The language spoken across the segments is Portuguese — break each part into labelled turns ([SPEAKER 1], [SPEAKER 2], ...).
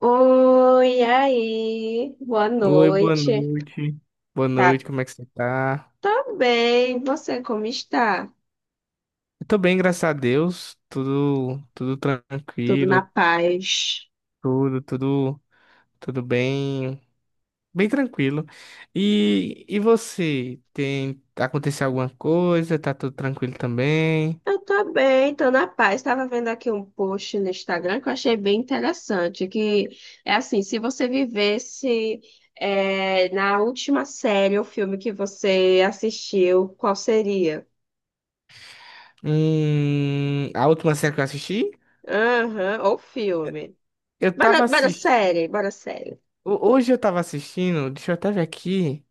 [SPEAKER 1] Oi, aí, boa
[SPEAKER 2] Oi, boa
[SPEAKER 1] noite.
[SPEAKER 2] noite. Boa
[SPEAKER 1] Tá,
[SPEAKER 2] noite, como é que você tá?
[SPEAKER 1] tô bem. Você como está?
[SPEAKER 2] Eu tô bem, graças a Deus. Tudo
[SPEAKER 1] Tudo na
[SPEAKER 2] tranquilo,
[SPEAKER 1] paz?
[SPEAKER 2] tudo, tudo, tudo bem, bem tranquilo. E você, tem aconteceu alguma coisa? Tá tudo tranquilo também?
[SPEAKER 1] Eu tô bem, tô na paz. Estava vendo aqui um post no Instagram que eu achei bem interessante, que é assim, se você vivesse é, na última série ou filme que você assistiu, qual seria?
[SPEAKER 2] A última série que eu assisti,
[SPEAKER 1] Aham, ou filme.
[SPEAKER 2] eu
[SPEAKER 1] Bora,
[SPEAKER 2] tava
[SPEAKER 1] bora
[SPEAKER 2] assistindo,
[SPEAKER 1] série, bora série.
[SPEAKER 2] hoje eu tava assistindo, deixa eu até ver aqui.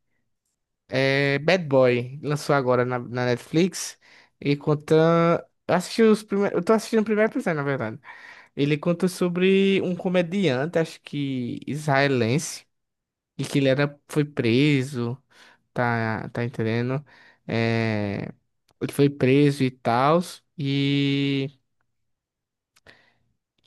[SPEAKER 2] É Bad Boy, lançou agora na Netflix e conta. Eu assisti os primeiros. Eu tô assistindo o primeiro episódio, na verdade. Ele conta sobre um comediante, acho que israelense, e foi preso, tá, tá entendendo? É, ele foi preso e tal. E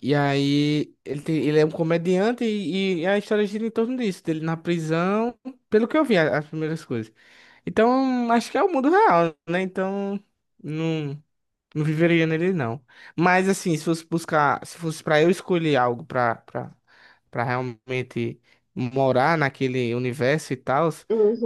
[SPEAKER 2] E aí, ele é um comediante e a história gira em torno disso, dele na prisão, pelo que eu vi, as primeiras coisas. Então, acho que é o mundo real, né? Então, não, não viveria nele, não. Mas, assim, se fosse buscar, se fosse pra eu escolher algo pra realmente morar naquele universo e tal,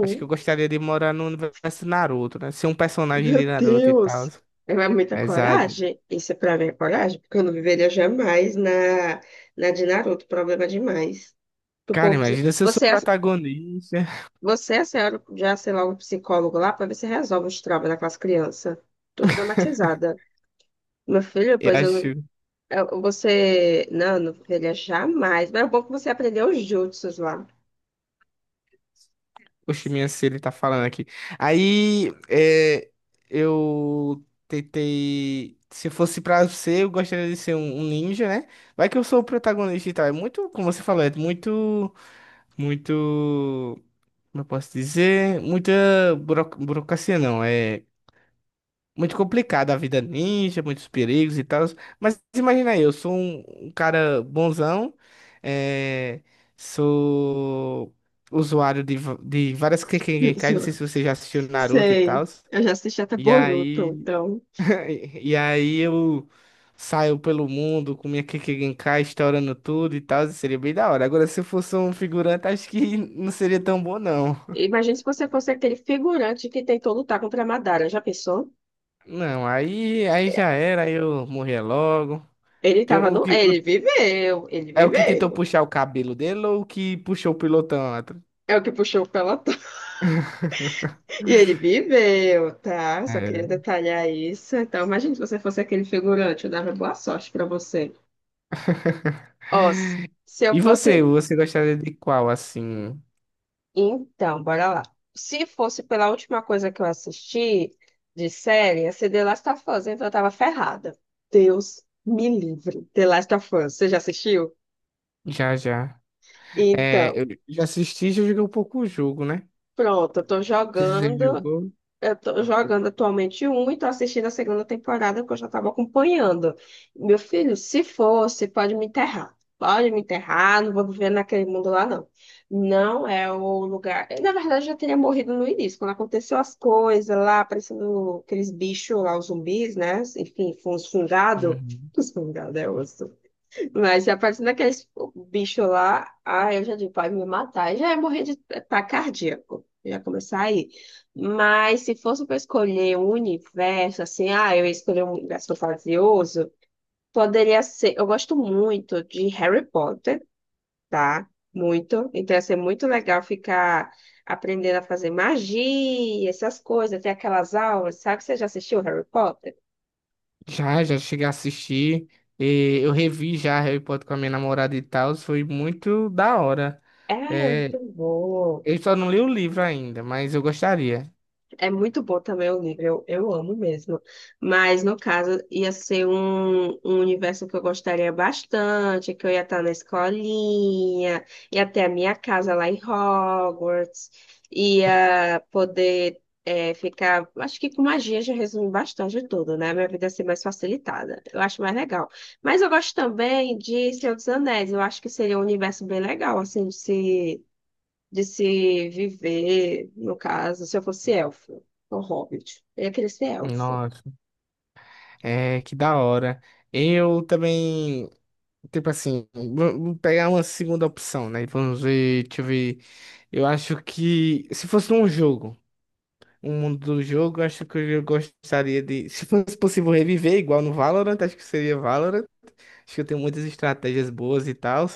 [SPEAKER 2] acho que eu gostaria de morar no universo Naruto, né? Ser um personagem
[SPEAKER 1] Meu
[SPEAKER 2] de Naruto e tal.
[SPEAKER 1] Deus! É muita
[SPEAKER 2] Exato.
[SPEAKER 1] coragem. Isso é pra mim é coragem, porque eu não viveria jamais na de Naruto. Problema demais. Tu
[SPEAKER 2] Cara,
[SPEAKER 1] pô, psi-
[SPEAKER 2] imagina se eu sou protagonista.
[SPEAKER 1] Você, é a senhora, já, sei lá, um psicólogo lá pra ver se resolve os traumas daquelas crianças. Tô traumatizada. Meu filho,
[SPEAKER 2] Eu
[SPEAKER 1] pois eu não.
[SPEAKER 2] acho.
[SPEAKER 1] eu- Você. Não, eu não viveria jamais. Mas é bom que você aprendeu os jutsus lá.
[SPEAKER 2] Oxe, minha se ele tá falando aqui. Aí, é, eu tentei. Se fosse pra ser, eu gostaria de ser um ninja, né? Vai que eu sou o protagonista e tal. É muito, como você falou, é muito, muito. Como eu posso dizer? Muita burocracia, não. É muito complicado a vida ninja, muitos perigos e tal. Mas imagina aí, eu sou um cara bonzão, é, sou usuário de várias Kekkei, não
[SPEAKER 1] Jutsu.
[SPEAKER 2] sei se você já assistiu Naruto e tal.
[SPEAKER 1] Sei. Eu já assisti até
[SPEAKER 2] E
[SPEAKER 1] Boruto,
[SPEAKER 2] aí,
[SPEAKER 1] então.
[SPEAKER 2] e aí eu saio pelo mundo com minha Kekkei, estourando tudo e tal, seria bem da hora. Agora, se eu fosse um figurante, acho que não seria tão bom, não.
[SPEAKER 1] Imagina se você fosse aquele figurante que tentou lutar contra a Madara. Já pensou?
[SPEAKER 2] Não, aí, aí já era, aí eu morria logo.
[SPEAKER 1] Ele
[SPEAKER 2] Tem
[SPEAKER 1] tava
[SPEAKER 2] o
[SPEAKER 1] no.
[SPEAKER 2] que,
[SPEAKER 1] Ele viveu, ele
[SPEAKER 2] É o que tentou
[SPEAKER 1] viveu.
[SPEAKER 2] puxar o cabelo dele ou o que puxou o pilotão atrás?
[SPEAKER 1] É o que puxou o pelotão. E ele viveu, tá? Só queria
[SPEAKER 2] É.
[SPEAKER 1] detalhar isso. Então, imagina se você fosse aquele figurante. Eu dava boa sorte pra você. Ó, se eu
[SPEAKER 2] E você,
[SPEAKER 1] fosse.
[SPEAKER 2] você gostaria de qual, assim?
[SPEAKER 1] Então, bora lá. Se fosse pela última coisa que eu assisti de série, ia ser The Last of Us, então eu tava ferrada. Deus me livre. The Last of Us, você já assistiu?
[SPEAKER 2] Já, já. É,
[SPEAKER 1] Então.
[SPEAKER 2] eu já assisti, e já joguei um pouco o jogo, né?
[SPEAKER 1] Pronto, eu tô
[SPEAKER 2] Você já
[SPEAKER 1] jogando,
[SPEAKER 2] jogou?
[SPEAKER 1] eu tô jogando atualmente um e tô assistindo a segunda temporada que eu já estava acompanhando. Meu filho, se fosse, pode me enterrar. Pode me enterrar, não vou viver naquele mundo lá, não. Não é o lugar. Eu, na verdade, já teria morrido no início, quando aconteceu as coisas lá, aparecendo aqueles bichos lá, os zumbis, né? Enfim, foi uns fungados.
[SPEAKER 2] Uhum.
[SPEAKER 1] Os fungados, é osso. Mas a partir daqueles bicho lá, ah, eu já digo, vai me matar. Já ia morrer de ataque cardíaco. Já começar aí. Mas se fosse para escolher um universo, assim, ah, eu ia escolher um universo fantasioso, poderia ser. Eu gosto muito de Harry Potter, tá? Muito. Então ia ser muito legal ficar aprendendo a fazer magia, essas coisas, ter aquelas aulas, sabe? Você já assistiu Harry Potter?
[SPEAKER 2] Já, já cheguei a assistir. E eu revi já Harry Potter com a minha namorada e tal. Foi muito da hora.
[SPEAKER 1] É, é muito
[SPEAKER 2] É,
[SPEAKER 1] bom.
[SPEAKER 2] eu só não li o livro ainda, mas eu gostaria.
[SPEAKER 1] É muito bom também o livro, eu amo mesmo. Mas, no caso, ia ser um universo que eu gostaria bastante, que eu ia estar na escolinha, ia ter a minha casa lá em Hogwarts, ia poder ficar. Acho que com magia já resume bastante tudo, né? Minha vida ia ser mais facilitada. Eu acho mais legal. Mas eu gosto também de Senhor dos Anéis, eu acho que seria um universo bem legal, assim, de se viver, no caso, se eu fosse elfo, ou hobbit, eu ia querer ser elfo.
[SPEAKER 2] Nossa, é que da hora. Eu também. Tipo assim, vamos pegar uma segunda opção, né? Vamos ver, deixa eu ver. Eu acho que se fosse um jogo, um mundo do jogo, eu acho que eu gostaria de. Se fosse possível reviver, igual no Valorant, acho que seria Valorant. Acho que eu tenho muitas estratégias boas e tal.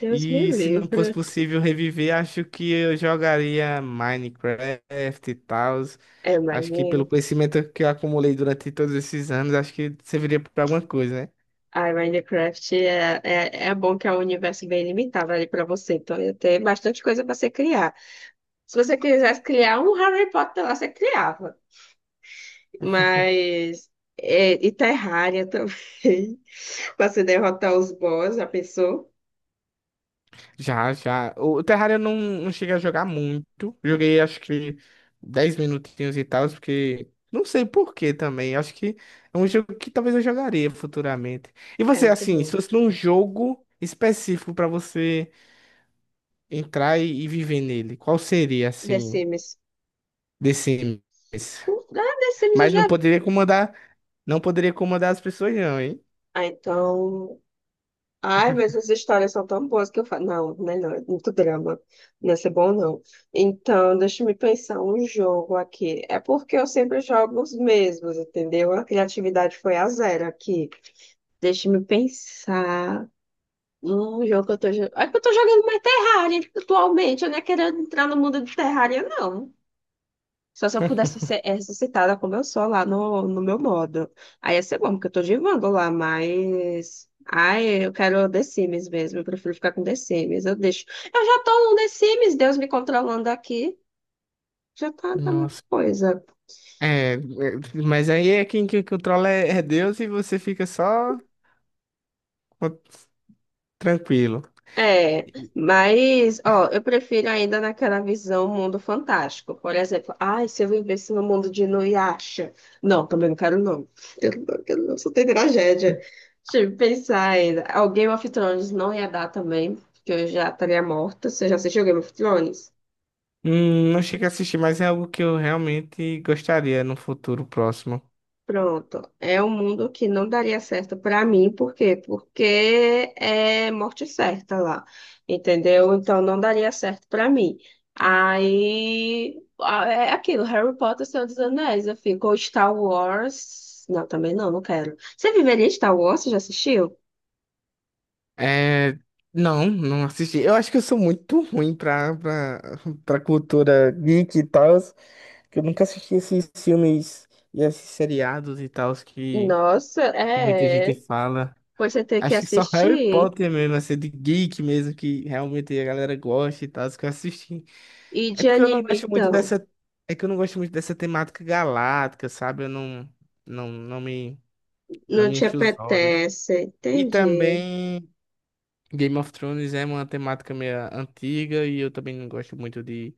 [SPEAKER 1] Deus me
[SPEAKER 2] E se não fosse
[SPEAKER 1] livre.
[SPEAKER 2] possível reviver, acho que eu jogaria Minecraft e tal.
[SPEAKER 1] É, mas,
[SPEAKER 2] Acho que
[SPEAKER 1] né.
[SPEAKER 2] pelo conhecimento que eu acumulei durante todos esses anos, acho que serviria para alguma coisa, né?
[SPEAKER 1] Ai, Minecraft é bom que é um universo bem limitado ali para você, então ia ter bastante coisa para você criar. Se você quisesse criar um Harry Potter lá, você criava. Mas. É, e Terraria também, para você derrotar os boss, já pensou?
[SPEAKER 2] Já, já. O Terraria eu não, não cheguei a jogar muito. Joguei acho que 10 minutinhos e tal, porque não sei por que também. Acho que é um jogo que talvez eu jogaria futuramente. E
[SPEAKER 1] É
[SPEAKER 2] você,
[SPEAKER 1] muito
[SPEAKER 2] assim, se
[SPEAKER 1] bom.
[SPEAKER 2] fosse num jogo específico pra você entrar e viver nele, qual seria,
[SPEAKER 1] The
[SPEAKER 2] assim,
[SPEAKER 1] Sims.
[SPEAKER 2] desse mês?
[SPEAKER 1] Ah, The Sims eu
[SPEAKER 2] Mas não
[SPEAKER 1] já.
[SPEAKER 2] poderia comandar, não poderia comandar as pessoas, não, hein?
[SPEAKER 1] Ah, então. Ai, mas as histórias são tão boas que eu falo. Não, melhor, é muito drama. Não ia ser bom, não. Então, deixa eu me pensar um jogo aqui. É porque eu sempre jogo os mesmos, entendeu? A criatividade foi a zero aqui. Deixa eu me pensar. Um jogo que eu tô jogando. É que eu tô jogando mais Terraria atualmente. Eu não é querendo entrar no mundo de Terraria, não. Só se eu pudesse ser ressuscitada como eu sou lá no meu modo. Aí ia ser bom, porque eu tô de Wanda lá, mas. Ai, eu quero The Sims mesmo. Eu prefiro ficar com The Sims. Eu deixo. Eu já tô no The Sims, Deus me controlando aqui. Já tá, tá a mesma
[SPEAKER 2] Nossa.
[SPEAKER 1] coisa.
[SPEAKER 2] É, é, mas aí é quem, quem controla é Deus e você fica só co- tranquilo.
[SPEAKER 1] É, mas, ó, eu prefiro ainda naquela visão mundo fantástico. Por exemplo, ai, se eu vivesse no mundo de Inuyasha. Não, também não quero não. Eu não, quero não, só tem tragédia. Deixa eu pensar ainda. Ó, Game of Thrones não ia dar também, porque eu já estaria morta. Você já assistiu Game of Thrones?
[SPEAKER 2] Não cheguei a assistir, mas é algo que eu realmente gostaria no futuro próximo.
[SPEAKER 1] Pronto, é um mundo que não daria certo para mim, por quê? Porque é morte certa lá, entendeu? Então não daria certo para mim. Aí é aquilo, Harry Potter, Senhor dos Anéis, eu fico, ou Star Wars. Não, também não, não quero. Você viveria em Star Wars? Você já assistiu?
[SPEAKER 2] É. Não, não assisti. Eu acho que eu sou muito ruim pra cultura geek e tal, que eu nunca assisti esses filmes e esses seriados e tal
[SPEAKER 1] Nossa,
[SPEAKER 2] que muita gente
[SPEAKER 1] é.
[SPEAKER 2] fala.
[SPEAKER 1] Pois você tem que
[SPEAKER 2] Acho que só Harry
[SPEAKER 1] assistir.
[SPEAKER 2] Potter mesmo, assim, de geek mesmo, que realmente a galera gosta e tal, que eu assisti.
[SPEAKER 1] E
[SPEAKER 2] É
[SPEAKER 1] de
[SPEAKER 2] porque eu não
[SPEAKER 1] anime,
[SPEAKER 2] gosto muito
[SPEAKER 1] então?
[SPEAKER 2] dessa. É que eu não gosto muito dessa temática galáctica, sabe? Eu não, não, não me. Não
[SPEAKER 1] Não
[SPEAKER 2] me
[SPEAKER 1] te
[SPEAKER 2] enche os olhos.
[SPEAKER 1] apetece,
[SPEAKER 2] E
[SPEAKER 1] entendi.
[SPEAKER 2] também Game of Thrones é uma temática meio antiga e eu também não gosto muito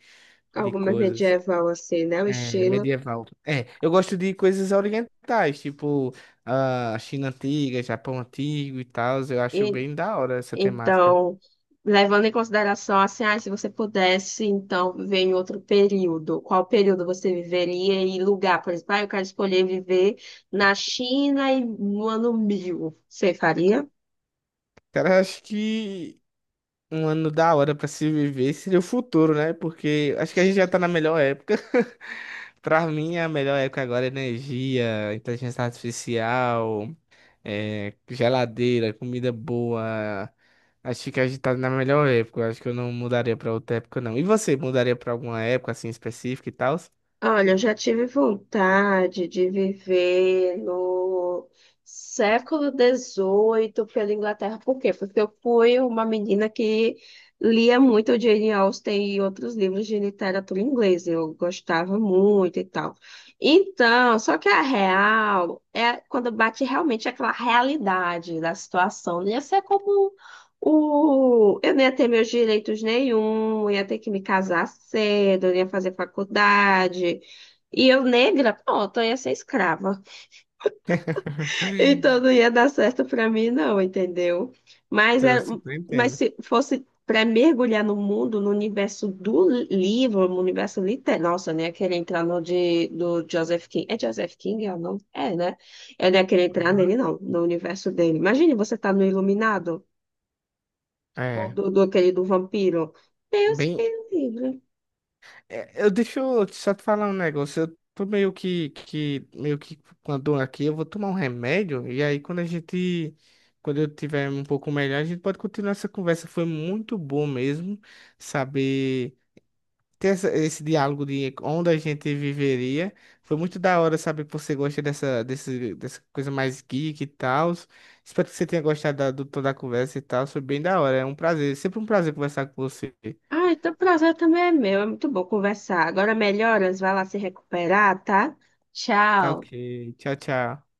[SPEAKER 2] de
[SPEAKER 1] Alguma
[SPEAKER 2] coisas
[SPEAKER 1] medieval assim, né? O
[SPEAKER 2] é,
[SPEAKER 1] estilo.
[SPEAKER 2] medieval. É, eu gosto de coisas orientais, tipo a China antiga, Japão antigo e tal. Eu acho bem da hora essa temática.
[SPEAKER 1] Então, levando em consideração assim, ah, se você pudesse, então, viver em outro período, qual período você viveria e lugar? Por exemplo, ah, eu quero escolher viver na China e no ano 1000. Você faria?
[SPEAKER 2] Cara, eu acho que um ano da hora pra se viver seria o futuro, né? Porque acho que a gente já tá na melhor época. Pra mim, a melhor época agora é energia, inteligência artificial. É, geladeira, comida boa. Acho que fica agitado na melhor época. Eu acho que eu não mudaria pra outra época, não. E você mudaria pra alguma época assim específica e tal?
[SPEAKER 1] Olha, eu já tive vontade de viver no século XVIII pela Inglaterra. Por quê? Porque eu fui uma menina que lia muito Jane Austen e outros livros de literatura inglesa. Eu gostava muito e tal. Então, só que a real é quando bate realmente aquela realidade da situação. Não ia ser como o. Eu não ia ter meus direitos nenhum, eu ia ter que me casar cedo, eu ia fazer faculdade. E eu, negra, pronto, eu ia ser escrava. Então não ia dar certo pra mim, não, entendeu? Mas,
[SPEAKER 2] Então, eu
[SPEAKER 1] é...
[SPEAKER 2] super
[SPEAKER 1] Mas
[SPEAKER 2] entendo.
[SPEAKER 1] se fosse para mergulhar no mundo, no universo do livro, no universo literário, nossa, eu nem ia querer entrar no de... do Joseph King. É Joseph King? É o nome? É, né? Eu não ia querer entrar
[SPEAKER 2] Aham.
[SPEAKER 1] nele, não, no universo dele. Imagine você tá no Iluminado. Ou
[SPEAKER 2] É,
[SPEAKER 1] do aquele do vampiro. Deus
[SPEAKER 2] bem,
[SPEAKER 1] me livre.
[SPEAKER 2] é, eu deixa eu só te falar um negócio. Eu tô meio que meio que com a dor aqui, eu vou tomar um remédio e aí quando a gente quando eu tiver um pouco melhor, a gente pode continuar essa conversa. Foi muito bom mesmo saber ter esse diálogo de onde a gente viveria. Foi muito da hora saber que você gosta dessa coisa mais geek e tal. Espero que você tenha gostado toda a conversa e tal. Foi bem da hora. É um prazer, sempre um prazer conversar com você.
[SPEAKER 1] Ah, então o prazer também é meu. É muito bom conversar. Agora melhoras, vai lá se recuperar, tá?
[SPEAKER 2] Tá ok.
[SPEAKER 1] Tchau.
[SPEAKER 2] Tchau, tchau.